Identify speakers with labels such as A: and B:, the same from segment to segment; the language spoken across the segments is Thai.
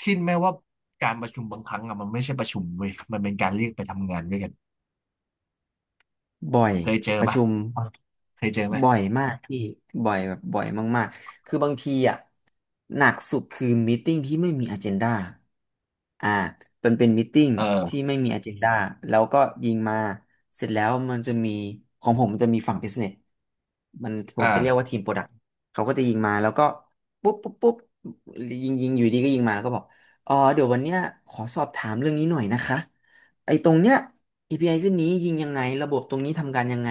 A: คิดไหมว่าการประชุมบางครั้งอะมันไม่ใช่ประชุมเว้ยมันเป็นการเรียกไปทำงานด้วยกัน
B: บ่อย
A: เคยเจอ
B: ประ
A: ปะ
B: ชุม
A: เคยเจอไหม
B: บ่อยมากพี่บ่อยแบบบ่อยมากๆคือบางทีอ่ะหนักสุดคือมีติ้งที่ไม่มีอ g e n d a อ่ามันเป็นมีติ้ง
A: เอ
B: ที่
A: อ
B: ไม่มีอ g e n d a แล้วก็ยิงมาเสร็จแล้วมันจะมีของผมมันจะมีฝั่ง business มันผม
A: อ่า
B: จะเรียกว่าทีมโปรดักต์เขาก็จะยิงมาแล้วก็ปุ๊บปุ๊บปุ๊บยิงยิงอยู่ดีก็ยิงมาแล้วก็บอกอ๋อเดี๋ยววันเนี้ยขอสอบถามเรื่องนี้หน่อยนะคะ ไอ้ตรงเนี้ย API เส้นนี้ยิงยังไงระบบตรงนี้ทำการยังไง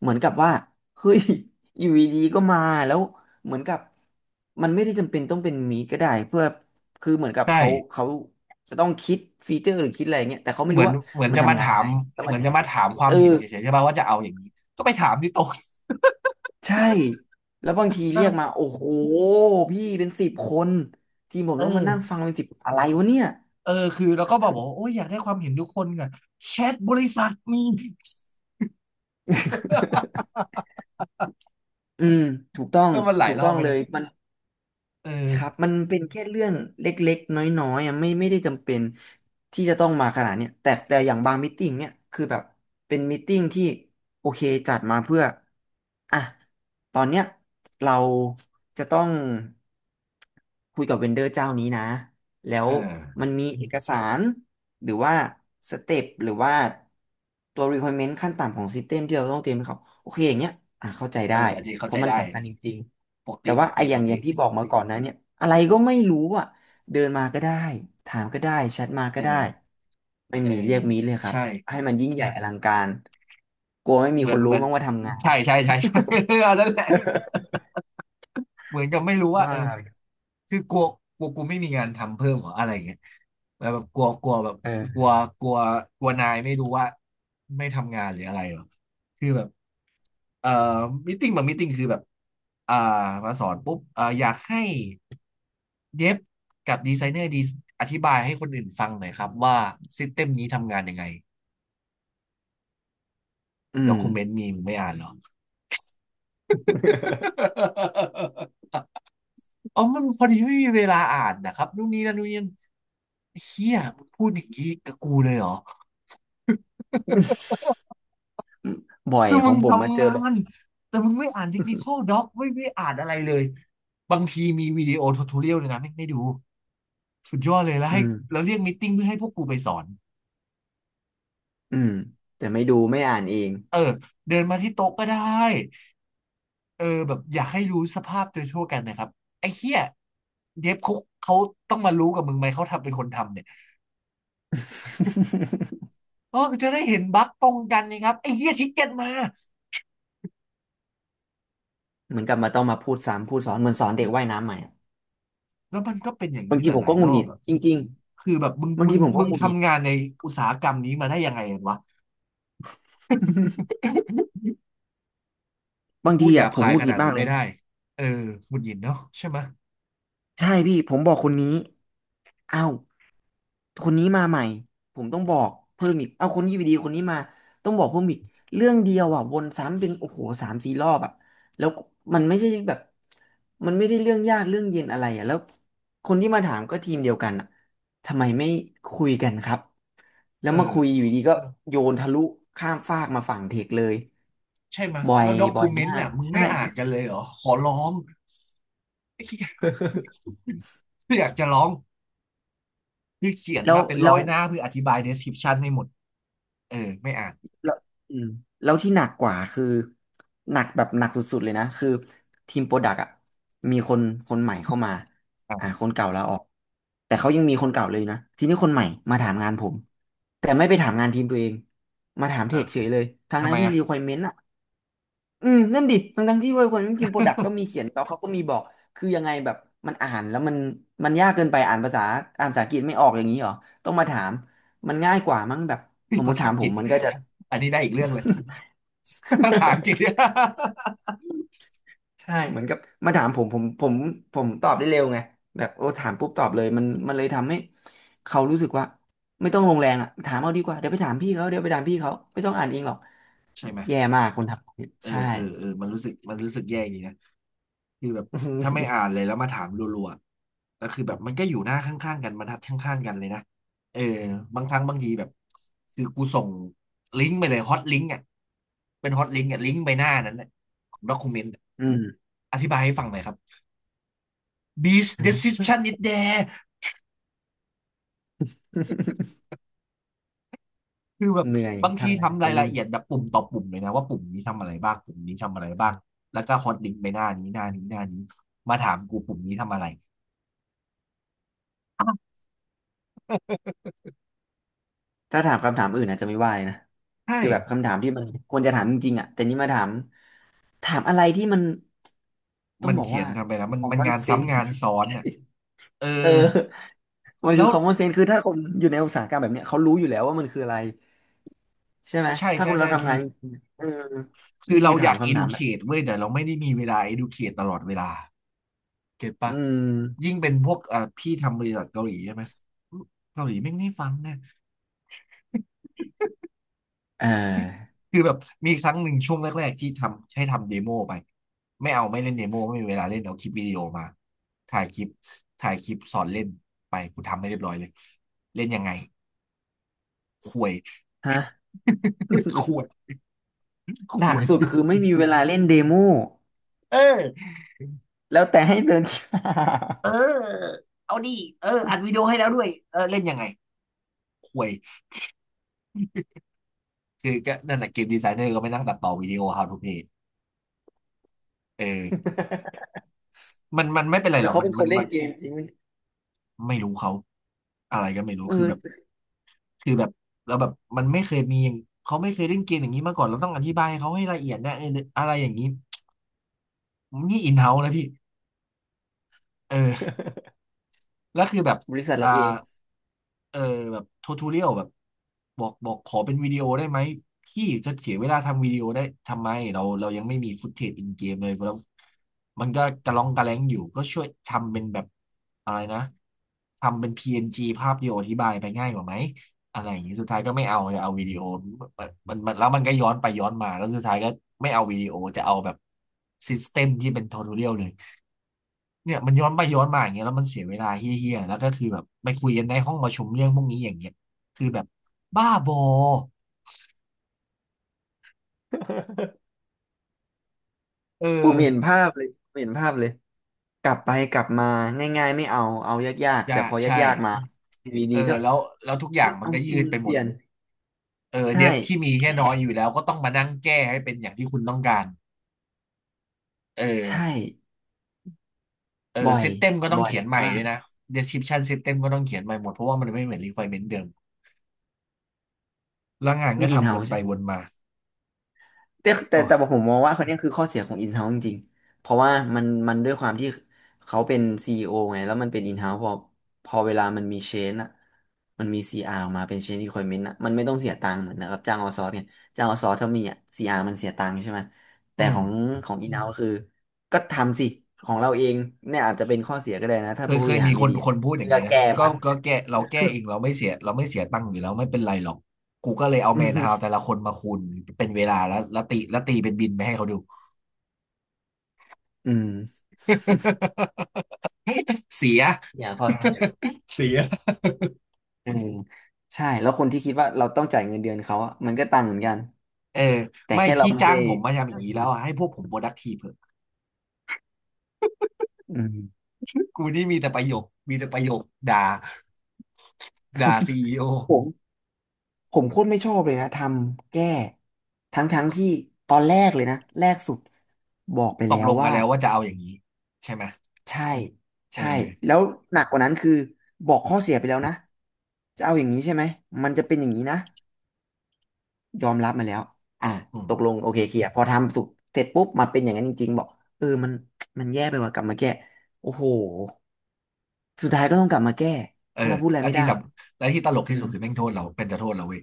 B: เหมือนกับว่าเฮ้ย อยู่ดีๆก็มาแล้วเหมือนกับมันไม่ได้จำเป็นต้องเป็นมีดก็ได้เพื่อคือเหมือนกับ
A: ใช่
B: เขาจะต้องคิดฟีเจอร์หรือคิดอะไรเงี้ยแต่เขาไม่
A: เหมื
B: รู้
A: อน
B: ว่า
A: เหมือน
B: มัน
A: จะมา
B: ทำงาน
A: ถา
B: ยัง
A: ม
B: ไงแล้ว
A: เห
B: มา
A: มือน
B: ท
A: จะมาถามค
B: ำ
A: วา
B: เอ
A: ม
B: อ
A: เห็นเฉยๆใช่ปะว่าจะเอาอย่างนี้ก็ไปถามที่โต๊ะ
B: ใช่แล้วบางที
A: แล้ว
B: เรียกมา
A: ก็
B: โอ้โหพี่เป็นสิบคนทีมผม
A: เอ
B: ต้องมานั่งฟั
A: อ
B: งเป็นสิบอะไรวะเนี่ย
A: เออคือแล้วก็บอกว่าโอ้ยอยากได้ความเห็นทุกคนอะแชทบริษัทมี
B: อืมถูกต้อง
A: ก็มันหลาย
B: ถูก
A: รอ
B: ต้อ
A: บ
B: ง
A: ไป
B: เล
A: นะ
B: ยมัน
A: เอ
B: ครับ
A: อ
B: มันเป็นแค่เรื่องเล็กๆน้อยๆอ่ะไม่ได้จำเป็นที่จะต้องมาขนาดเนี้ยแต่อย่างบางมิทติ้งเนี่ยคือแบบเป็นมิทติ้งที่โอเคจัดมาเพื่ออ่ะ ตอนเนี้ยเราจะต้องคุยกับเวนเดอร์เจ้านี้นะแล้ว
A: เออ
B: มันมีเอกสารหรือว่าสเต็ปหรือว่าตัว requirement ขั้นต่ำของ System ที่เราต้องเตรียมให้เขาโอเคอย่างเงี้ยอ่ะเข้าใจ
A: เออ
B: ได้
A: อันนี้เข้า
B: เพ
A: ใจ
B: ราะมัน
A: ได้
B: สำคัญจริง
A: ปก
B: ๆแต่
A: ติป
B: ว่า
A: ก
B: ไอ้
A: ติ
B: อ
A: ป
B: ย่าง
A: ก
B: อย่า
A: ติ
B: งที่บอกมาก่อนนะเนี่ยอะไรก็ไม่รู้อ่ะเดินมาก็ได้ถามก็ได้แชทมา
A: เอ
B: ก็ได้
A: อ
B: ไม่
A: เออ
B: มีเรียกมีเลยครับ
A: ใช่
B: ให้มันยิ่งใหญ่อลังการกลัวไม่มี
A: เหมื
B: ค
A: อน
B: น
A: เห
B: รู้
A: มือน
B: มั้งว่าทำงาน
A: ใช่ อันนั้นแหละ เหมือนกับไม่รู้ว่า
B: บ้า
A: เออคือกลัวกลัวกูไม่มีงานทำเพิ่มเหรออะไรอย่างเงี้ยแล้วแบบกลัวกลัวแบบกลัว
B: เออ
A: กลัวกลัวนายไม่รู้ว่าไม่ทำงานหรืออะไรหรอคือแบบเอ่อมิ팅บางมิ팅คือแบบอ่ามาสอนปุ๊บอยากให้เย็บกับดีไซเนอร์ดีอธิบายให้คนอื่นฟังหน่อยครับว่าซิสเต็มนี้ทำงานยังไง
B: อื
A: ด็
B: ม
A: อกิเมนต์มีมึงไม่อ่านเหรอ อ๋อมันพอดีไม่มีเวลาอ่านนะครับนู่นนี่นั่นนู่นนี่นั่นเฮียมึงพูดอย่างนี้กับกูเลยเหรอ
B: บ่อย
A: คือ
B: ข
A: มึ
B: อง
A: ง
B: ผมมาเจ
A: ทำ
B: อ
A: งา
B: แบบ
A: นแต่มึงไม่อ่านเทคนิคอลด็อกไม่อ่านอะไรเลยบางทีมีวิดีโอทูทอเรียลเลยนะไม่ดูสุดยอดเลยแล้ว
B: อื
A: ให้แล้
B: ม
A: วเรียกมีตติ้งเพื่อให้พวกกูไปสอน
B: อืมแต่ไม่ดูไม่อ่านเอง
A: เออเดินมาที่โต๊ะก็ได้เออแบบอยากให้รู้สภาพโดยทั่วกันนะครับไอ้เหี้ยเดฟเขาเขาต้องมารู้กับมึงไหมเขาทำเป็นคนทำเนี่ย เออจะได้เห็นบั๊กตรงกันนะครับไอ้เหี้ยทิกเก็ตมา
B: เหมือนกลับมาต้องมาพูดซ้ำพูดสอนเหมือนสอนเด็กว่ายน้ำใหม่อะ
A: แล้วมันก็เป็นอย่าง
B: บา
A: นี้
B: ง
A: ห
B: ทีผม
A: ลา
B: ก็
A: ย
B: ห
A: ๆร
B: งุด
A: อ
B: ห
A: บ
B: งิด
A: อะ
B: จริง
A: คือแบบมึง
B: ๆบาง
A: มึ
B: ที
A: ง
B: ผมก็
A: มึ
B: ห
A: ง
B: งุดหงิด
A: ทำงานในอุตสาหกรรมนี้มาได้ยังไงกันวะ
B: บาง
A: พู
B: ที
A: ดหยา
B: อ่ะ
A: บ
B: ผม
A: คาย
B: หงุ
A: ข
B: ดหงิ
A: นา
B: ด
A: ด
B: มา
A: นั้
B: ก
A: น
B: เล
A: ไม่
B: ย
A: ได้เออหงุดหงิดเนาะใช่ไหมะ
B: ใช่พี่ผมบอกคนนี้เอ้าคนนี้มาใหม่ผมต้องบอกเพิ่มอีกเอ้าคนนี้อยู่ดีคนนี้มาต้องบอกเพิ่มอีกเรื่องเดียวอ่ะวนซ้ำเป็นโอ้โหสามสี่รอบอ่ะแล้วมันไม่ใช่แบบมันไม่ได้เรื่องยากเรื่องเย็นอะไรอ่ะแล้วคนที่มาถามก็ทีมเดียวกันอ่ะทำไมไม่คุยกันครับแล้
A: เอ
B: วมาคุยอ
A: อ
B: ยู่ดีก็โยนทะลุข้ามฟากมาฝั่งเทคเลย
A: ใช่ไหมะ
B: บ่อ
A: แล้
B: ย
A: วด็อ
B: บ่
A: กู
B: อย
A: เมน
B: มา
A: ต์น่ะ
B: ก
A: มึง
B: ใช่
A: ไม่อ่านกันเลยเหรอ ขอร้อง ไอ้เหี้ยอยากจะร้องคือเขียน
B: แล้ว
A: มาเป็นร้
B: แล้
A: อ
B: ว
A: ยหน้าเพื่ออธิบาย description ให้หมดเออไม่อ่าน
B: แล้วอืมแล้วที่หนักกว่าคือหนักแบบหนักสุดๆเลยนะคือทีมโปรดักต์อ่ะมีคนคนใหม่เข้ามาอ่า
A: อ่ะ
B: คนเก่าลาออกแต่เขายังมีคนเก่าเลยนะทีนี้คนใหม่มาถามงานผมแต่ไม่ไปถามงานทีมตัวเองมาถามเท
A: อ่ะ
B: คเฉยเลยทั้ง
A: ทำ
B: ทั้
A: ไม
B: งที่
A: อ่ะ
B: requirement อ่ะอืมนั่นดิทั้งที่ requirement ทีมโปรดักต์ก็มีเขียนแล้วเขาก็มีบอกคือยังไงแบบมันอ่านแล้วมันยากเกินไปอ่านภาษาอังกฤษไม่ออกอย่างนี้เหรอต้องมาถามมันง่ายกว่ามั้งแบบ
A: เฮ้
B: ส
A: ย
B: มม
A: ภา
B: ติ
A: ษา
B: ถาม
A: อังก
B: ผ
A: ฤ
B: ม
A: ษ
B: มันก็จะ
A: อันนี้ได้อีกเรื่องเลย ภาษาอังกฤษ
B: ใช่เหมือนกับมาถามผมตอบได้เร็วไงแบบโอ้ถามปุ๊บตอบเลยมันเลยทำให้เขารู้สึกว่าไม่ต้องลงแรงอ่ะถามเอาดีกว่าเดี๋ยวไปถามพี่เขาเดี๋ยวไปถามพี่เขาไม่ต้องอ่านเองหรอก
A: ใช่ไหม
B: แย่มากคนท
A: เอ
B: ำ
A: อ
B: ใช่
A: เออเออมันรู้สึกมันรู้สึกแย่อย่างนี้นะ คือแบบ ถ้าไม่อ่า นเลยแล้วมาถามรัวๆแล้วคือแบบ มันก็อยู่หน้าข้างๆกันบรรทัดข้างๆกันเลยนะ เออ บางครั้งบางทีแบบ คือกูส่งลิงก์ไปเลยฮอตลิงก์อ่ะเป็นฮอตลิงก์อ่ะลิงก์ไปหน้านั้นน่ะของด็อกิเมนต์
B: อืม
A: อธิบายให้ฟังหน่อยครับ t h i s description is there คือแบบ
B: เหนื่อย
A: บางที
B: ทำงานค
A: ทำราย
B: น
A: ละ
B: นี้
A: เอียดแบบปุ่มต่อปุ่มเลยนะว่าปุ่มนี้ทำอะไรบ้างปุ่มนี้ทำอะไรบ้างแล้วก็ฮอตลิงก์ไปหน้านี้หน้านี้หน้านี้มาถามกูปุ่มนี้ทำอะไร อาว
B: ถ้าถามคำถามอื่นอาจจะไม่ว่าเลยนะ
A: ใช่
B: คือแบบคำถามที่มันควรจะถามจริงๆอ่ะแต่นี่มาถามถามอะไรที่มันต้อ
A: มั
B: ง
A: น
B: บอก
A: เขีย
B: ว่า
A: นทำไปแล้วมันมัน
B: common
A: งานซ้ำ
B: sense
A: งานซ้อนอ่ะเออ
B: เออ มัน
A: แล้
B: คือ
A: ว
B: common sense คือถ้าคนอยู่ในอุตสาหกรรมแบบเนี้ยเขารู้อยู่แล้วว่ามันคืออะไรใช่ไหม
A: ใช่
B: ถ้า
A: ใช่
B: คนเรา
A: ใช่คื
B: ทำ
A: อ
B: งานจริงๆเออ
A: คือ
B: นี่
A: เรา
B: คือ
A: อ
B: ถา
A: ยา
B: ม
A: ก
B: คำถามแบบ
A: educate เว้ยแต่เราไม่ได้มีเวลา educate ตลอดเวลาเก็ต
B: อื
A: ปะ
B: ม
A: ยิ่งเป็นพวกพี่ทำบริษัทเกาหลีใช่ไหมเกาหลีไม่งไม่ฟังนะ
B: เออ
A: คือแบบมีครั้งหนึ่งช่วงแรกๆที่ทำให้ทำเดโมไปไม่เอาไม่เล่นเดโมไม่มีเวลาเล่นเอาคลิปวิดีโอมาถ่ายคลิปถ่ายคลิปสอนเล่นไปกูทำไม่เรียบร้อยเลยเล่นยังไงควย
B: ฮะ
A: ควยค
B: หนั
A: ว
B: กสุด
A: ย
B: คือไม่มีเวลาเล่นเดโม
A: เออ
B: แล้วแต่ให้เดิน
A: เออเอาดิเอออัดวิดีโอให้แล้วด้วยเออเล่นยังไงห่วยคือก็นั่นแหละเกมดีไซเนอร์ก็ไปนั่งตัดต่อวิดีโอ How to Play เออ มันไม่เป็นไรห
B: แล้
A: ร
B: ว
A: อก
B: เขา
A: มัน
B: เป็นค
A: มั
B: น
A: น
B: เล่
A: มั
B: น
A: น
B: เกมจริงไหม
A: ไม่รู้เขาอะไรก็ไม่รู้
B: เอ
A: คือแบบ
B: อ
A: คือแบบแล้วแบบมันไม่เคยมีอย่างเขาไม่เคยเล่นเกมอย่างนี้มาก่อนเราต้องอธิบายให้เขาให้ละเอียดนะเอออะไรอย่างนี้นี่อินเฮ้านะพี่เออ แล้วคือแบบ
B: บริษัท
A: อ่า
B: เราเอง
A: เออแบบทูทูเรียลแบบบอกขอเป็นวิดีโอได้ไหมพี่จะเสียเวลาทำวิดีโอได้ทำไมเรายังไม่มีฟุตเทจอินเกมเลยแล้วมันก็กระล่องกระแล้งอยู่ก็ช่วยทำเป็นแบบอะไรนะทำเป็นพีเอ็น n ีภาพเดียวอธิบายไปง่ายกว่าไหมอะไรอย่างนี้สุดท้ายก็ไม่เอาจะเอาวิดีโอมันแล้วมันก็ย้อนไปย้อนมาแล้วสุดท้ายก็ไม่เอาวิดีโอจะเอาแบบซิสเต็มที่เป็นทูทูเรียลเลย เนี่ยย้อนไปย้อนมาอย่างเงี้ยแล้วมันเสียเวลาเฮี้ยๆแล้วก็คือแบบไปคุยกันในห้องประชุมเรื่องพวกนี้อย่างเงี้ยคือแบบบ้าบอเออ
B: ผมเห็นภาพเลยผมเห็นภาพเลยกลับไปกลับมาง่ายๆไม่เอาเอายาก
A: อ
B: ๆแต่
A: ย่า
B: พอ
A: ใช่
B: ยากๆมาวีดี
A: เออ
B: ก็
A: แล้วทุกอย่า
B: ไม่
A: งมัน
B: เอา
A: ก็
B: อื
A: ยืด
B: ม
A: ไป
B: เป
A: หม
B: ลี่
A: ด
B: ยน
A: เออ
B: ใช่
A: เดฟที่มีแค่น้อยอยู่แล้วก็ต้องมานั่งแก้ให้เป็นอย่างที่คุณต้องการเอ
B: ใช่
A: อเออ
B: บ่อย
A: ซิสเต็มก็ต้อง
B: บ่อย
A: เขียนใหม่
B: มา
A: ด้ว
B: ก
A: ยนะ description system ก็ต้องเขียนใหม่หมดเพราะว่ามันไม่เหมือน requirement เดิมแล้วงานก็
B: นี่อิน
A: ทำว
B: เฮา
A: นไป
B: ใช่ไหม
A: วนมา
B: แต่
A: โอ้
B: ผมมองว่าคนเนี้ยคือข้อเสียของอินเฮาิงจริงๆเพราะว่ามันด้วยความที่เขาเป็นซีอีโอไงแล้วมันเป็นอินเฮาพอเวลามันมีเชนอะมันมีซีอาร์ออกมาเป็นเชน e ี q คว i เ m น n t อะมันไม่ต้องเสียตังค์เหมือนนะครับจ้างเอาซอร์สเนี่ยจ้างเอาซอร์สถ้ามีอะซีอาร์มันเสียตังค์ใช่ไหม
A: อื
B: แต่
A: ม
B: ของของอินเฮาคือก็ทำสิของเราเองเนี่ยอาจจะเป็นข้อเสียก็ได้นะถ้า
A: เคย
B: ผู้
A: เค
B: บ
A: ย
B: ริหา
A: มี
B: ร
A: ค
B: ไม่
A: น
B: ดีอะ
A: คนพูดอ
B: เว
A: ย่าง
B: ลา
A: นี้นะ
B: แก้
A: ก็
B: มัน
A: ก็แก้เราแก้เองเราไม่เสียเราไม่เสียตังค์อยู่แล้วไม่เป็นไรหรอกกูก็เลยเอาแมนฮาวแต่ละ คนมาคูณเป็นเวลาแล้วตีแล้วตีเป็นบินไปให้เขาดู
B: อืม อม
A: เสีย
B: อย่างข้อ
A: เสีย
B: อืมใช่แล้วคนที่คิดว่าเราต้องจ่ายเงินเดือนเขาอะมันก็ตังค์เหมือนกัน
A: เออ
B: แต่
A: ไม่
B: แค่เรา
A: พี่
B: ไม่
A: จ้า
B: ได้
A: งผมมาทำอย่างนี้แล้วอะให้พวกผม productive เถอะ
B: อืม
A: กูนี่มีแต่ประโยคมีแต่ประโยคด่าด่าซีอีโอ
B: ผมผมโคตรไม่ชอบเลยนะทำแก้ทั้งที่ตอนแรกเลยนะแรกสุดบอกไป
A: ต
B: แล้
A: ก
B: ว
A: ลงกัน
B: ว่า
A: แล้วว่าจะเอาอย่างนี้ใช่ไหม
B: ใช่
A: เอ
B: ใช่
A: อ
B: แล้วหนักกว่านั้นคือบอกข้อเสียไปแล้วนะจะเอาอย่างนี้ใช่ไหมมันจะเป็นอย่างนี้นะ ยอมรับมาแล้วอ่ะ
A: อืม
B: ตกลง โอเคเคลียร์พอทำสุกเสร็จปุ๊บมาเป็นอย่างนั้นจริงๆบอกเออมันแย่ไปว่ะกลับมาแก้โอ้โหสุดท้ายก็ต้องกลับมาแก้
A: เอ
B: เพ
A: อ
B: ราะเราพูดอะไร
A: แล้ว
B: ไม่ได้
A: แล้วที่ตลก
B: อื
A: ที่สุ
B: ม
A: ดคือแม่งโทษเราเป็นจะโทษเราเว้ย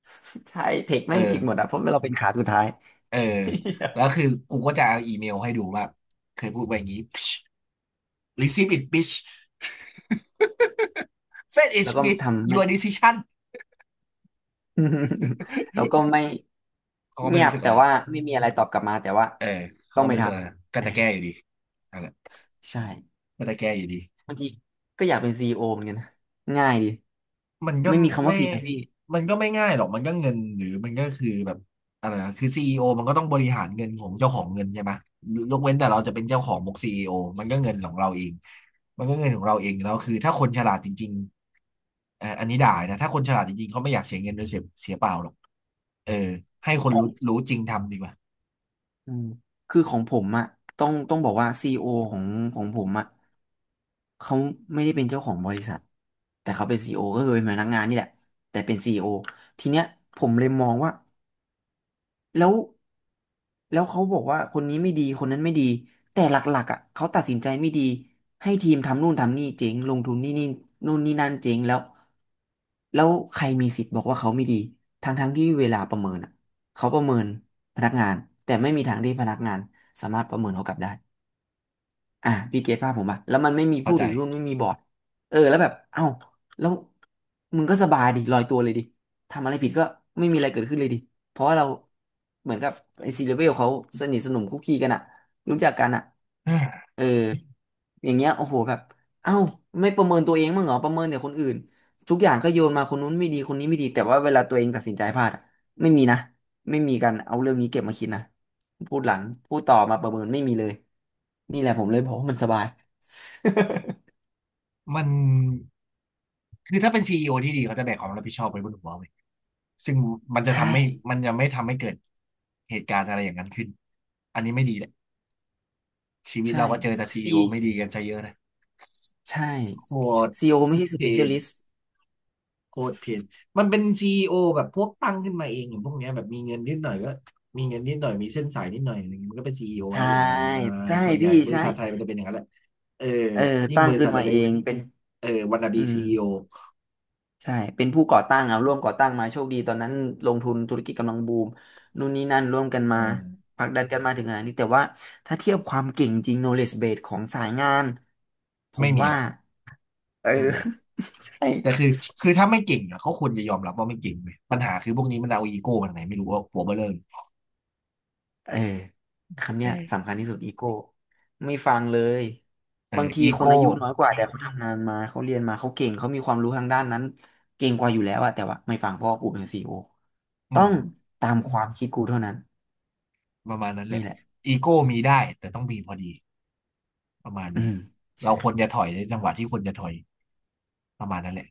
B: ใช่เทค
A: เออ
B: แม่งผิดหมดอะเพราะเราเป็นขาสุดท้าย
A: เออ แล้วคือกูก็จะเอาอีเมลให้ดูว่าเคยพูดไปอย่างนี้ receive it bitch fed
B: แล้ว
A: it
B: ก็
A: bitch
B: ทำไม่
A: your decision
B: แล้วก็ไม่
A: เขาก็ไม่
B: เงีย
A: รู้
B: บ
A: สึกอะ
B: แต่
A: ไรหรอก
B: ว่าไม่มีอะไรตอบกลับมาแต่ว่า
A: เออเขา
B: ต้อง
A: ก็
B: ไป
A: ไม่
B: ท
A: รู้สึกอะไร
B: ำ
A: ก็
B: เอ่า
A: จะแก้อยู่ดีนั่นแหละ
B: ใช่
A: ก็จะแก้อยู่ดี
B: บางทีก็อยากเป็นซีอีโอเหมือนกันนะง่ายดี
A: มันก็
B: ไม่มีคำ
A: ไม่
B: ว่าผิดนะพี่
A: มันก็ไม่ง่ายหรอกมันก็เงินหรือมันก็คือแบบอะไรนะคือซีอีโอมันก็ต้องบริหารเงินของเจ้าของเงินใช่ไหมยกเว้นแต่เราจะเป็นเจ้าของบุกซีอีโอมันก็เงินของเราเองมันก็เงินของเราเองแล้วคือถ้าคนฉลาดจริงๆอันนี้ด่านะถ้าคนฉลาดจริงๆเขาไม่อยากเสียเงินโดยเสียเปล่าหรอกเออให้คน
B: ขอ
A: รู้
B: ง
A: รู้จริงทำดีกว่า
B: อืมคือของผมอะต้องบอกว่าซีโอของของผมอะเขาไม่ได้เป็นเจ้าของบริษัทแต่เขาเป็นซีโอก็คือเป็นพนักงานนี่แหละแต่เป็นซีโอทีเนี้ยผมเลยมองว่า แล้วแล้วเขาบอกว่าคนนี้ไม่ดีคนนั้นไม่ดีแต่หลักๆอ่ะเขาตัดสินใจไม่ดีให้ทีมทำนู่นทำนี่เจ๊งลงทุนนี่นี่นู่นนี่นั่นเจ๊งแล้วแล้วใครมีสิทธิ์บอกว่าเขาไม่ดีทั้งๆที่เวลาประเมินอ่ะเขาประเมินพนักงานแต่ไม่มีทางที่พนักงานสามารถประเมินเขากลับได้ อ่าพี่เกตภาพผมป่ะแล้วมันไม่มี
A: เข้า
B: ผู้
A: ใจ
B: ถือหุ้นไม่มีบอร์ดเออแล้วแบบเอ้าแล้วมึงก็สบายดิลอยตัวเลยดิทำอะไรผิดก็ไม่มีอะไรเกิดขึ้นเลยดิเพราะว่าเราเหมือนกับไอซีเลเวลเขาสนิทสนมคุกคีกันอะรู้จักกันอะเออ อย่างเงี้ยโอ้โหแบบเอ้าไม่ประเมินตัวเองมั้างเหรอประเมินแต่คนอื่นทุกอย่างก็โยนมาคนนู้นไม่ดีคนนี้ไม่ดีแต่ว่าเวลาตัวเองตัดสินใจพลาดอะไม่มีนะไม่มีการเอาเรื่องนี้เก็บมาคิดนะพูดหลังพูดต่อมาประเมินไม่มีเลยนี่แหละผมเลยบอกว่ามันสบาย
A: มันคือถ้าเป็นซีอีโอที่ดีเขาจะแบกความรับผิดชอบไว้บนหัวเว้ยซึ่งมัน จะ
B: ใช่
A: ทำให้มันจะไม่ทำให้เกิดเหตุการณ์อะไรอย่างนั้นขึ้นอันนี้ไม่ดีแหละชีวิต
B: ใช่
A: เราก็เจอแต่ซีอี
B: ซี
A: โอไม่ดีกันซะเยอะเลย
B: ใช่
A: โคตร
B: c e อไม่ใช่
A: เพลน
B: specialist
A: โคตรเพนมันเป็นซีอีโอแบบพวกตั้งขึ้นมาเองอย่างพวกเนี้ยแบบมีเงินนิดหน่อยก็มีเงินนิดหน่อยมีเส้นสายนิดหน่อยอะไรเงี้ยมันก็เป็นซีอีโอแล้
B: ใช่
A: วหรืออะไรอ่า
B: ใช่
A: ส่วนใหญ่
B: พี่
A: บริ
B: ใช่
A: ษัทไทยมันจะเป็นอย่างนั้นแหละเออ
B: เออ
A: ยิ่ง
B: ตั้
A: บ
B: ง
A: ริ
B: ขึ้
A: ษั
B: น
A: ท
B: มา
A: เล็
B: เอ
A: กๆมั
B: ง
A: น
B: เป็น
A: เออวันนาบี
B: อืม
A: ซีอีโอ
B: ใช่ เป็นผู้ก่อตั้งเอาร่วมก่อตั้งมาโชคดีตอนนั้นลงทุนธุรกิจกำลังบูมนู่นนี่นั่นร่วมกันมา
A: เออ
B: ผลักดันกันมาถึงขนาดนี้แต่ว่าถ้าเทียบความเก่งจริง knowledge base ของสายงานผ
A: ไม่
B: ม
A: มี
B: ว่า
A: ละ
B: เออ
A: อืม
B: ใช่
A: แต่คือคือถ้าไม่เก่งอะก็ควรจะยอมรับว่าไม่เก่งเลยปัญหาคือพวกนี้มันเอาอีโก้มันไหนไม่รู้ว่าหัวเบลเร่อเ
B: เออคำ
A: เอ
B: เนี้ย
A: อ
B: สำคัญที่สุดอีโก้ไม่ฟังเลย
A: เอ
B: บาง
A: อ
B: ที
A: อี
B: คน
A: โก้
B: อายุน้อยกว่าแต่เขาทำงานมาเขาเรียนมาเขาเก่งเขามีความรู้ทางด้านนั้นเก่งกว่าอยู่แล้วอะแต่ว่าไม่ฟังเพราะว่ากูเป็นซีอีโอ
A: อื
B: ต้อ
A: ม
B: งตามความคิดกูเท่านั้น
A: ประมาณนั้นแห
B: นี่
A: ละ
B: แหละ
A: อีโก้มีได้แต่ต้องมีพอดีประมาณ
B: อื
A: นี้
B: มใช่
A: เราควรจะถอยในจังหวะที่ควรจะถอยประมาณนั้นแหละ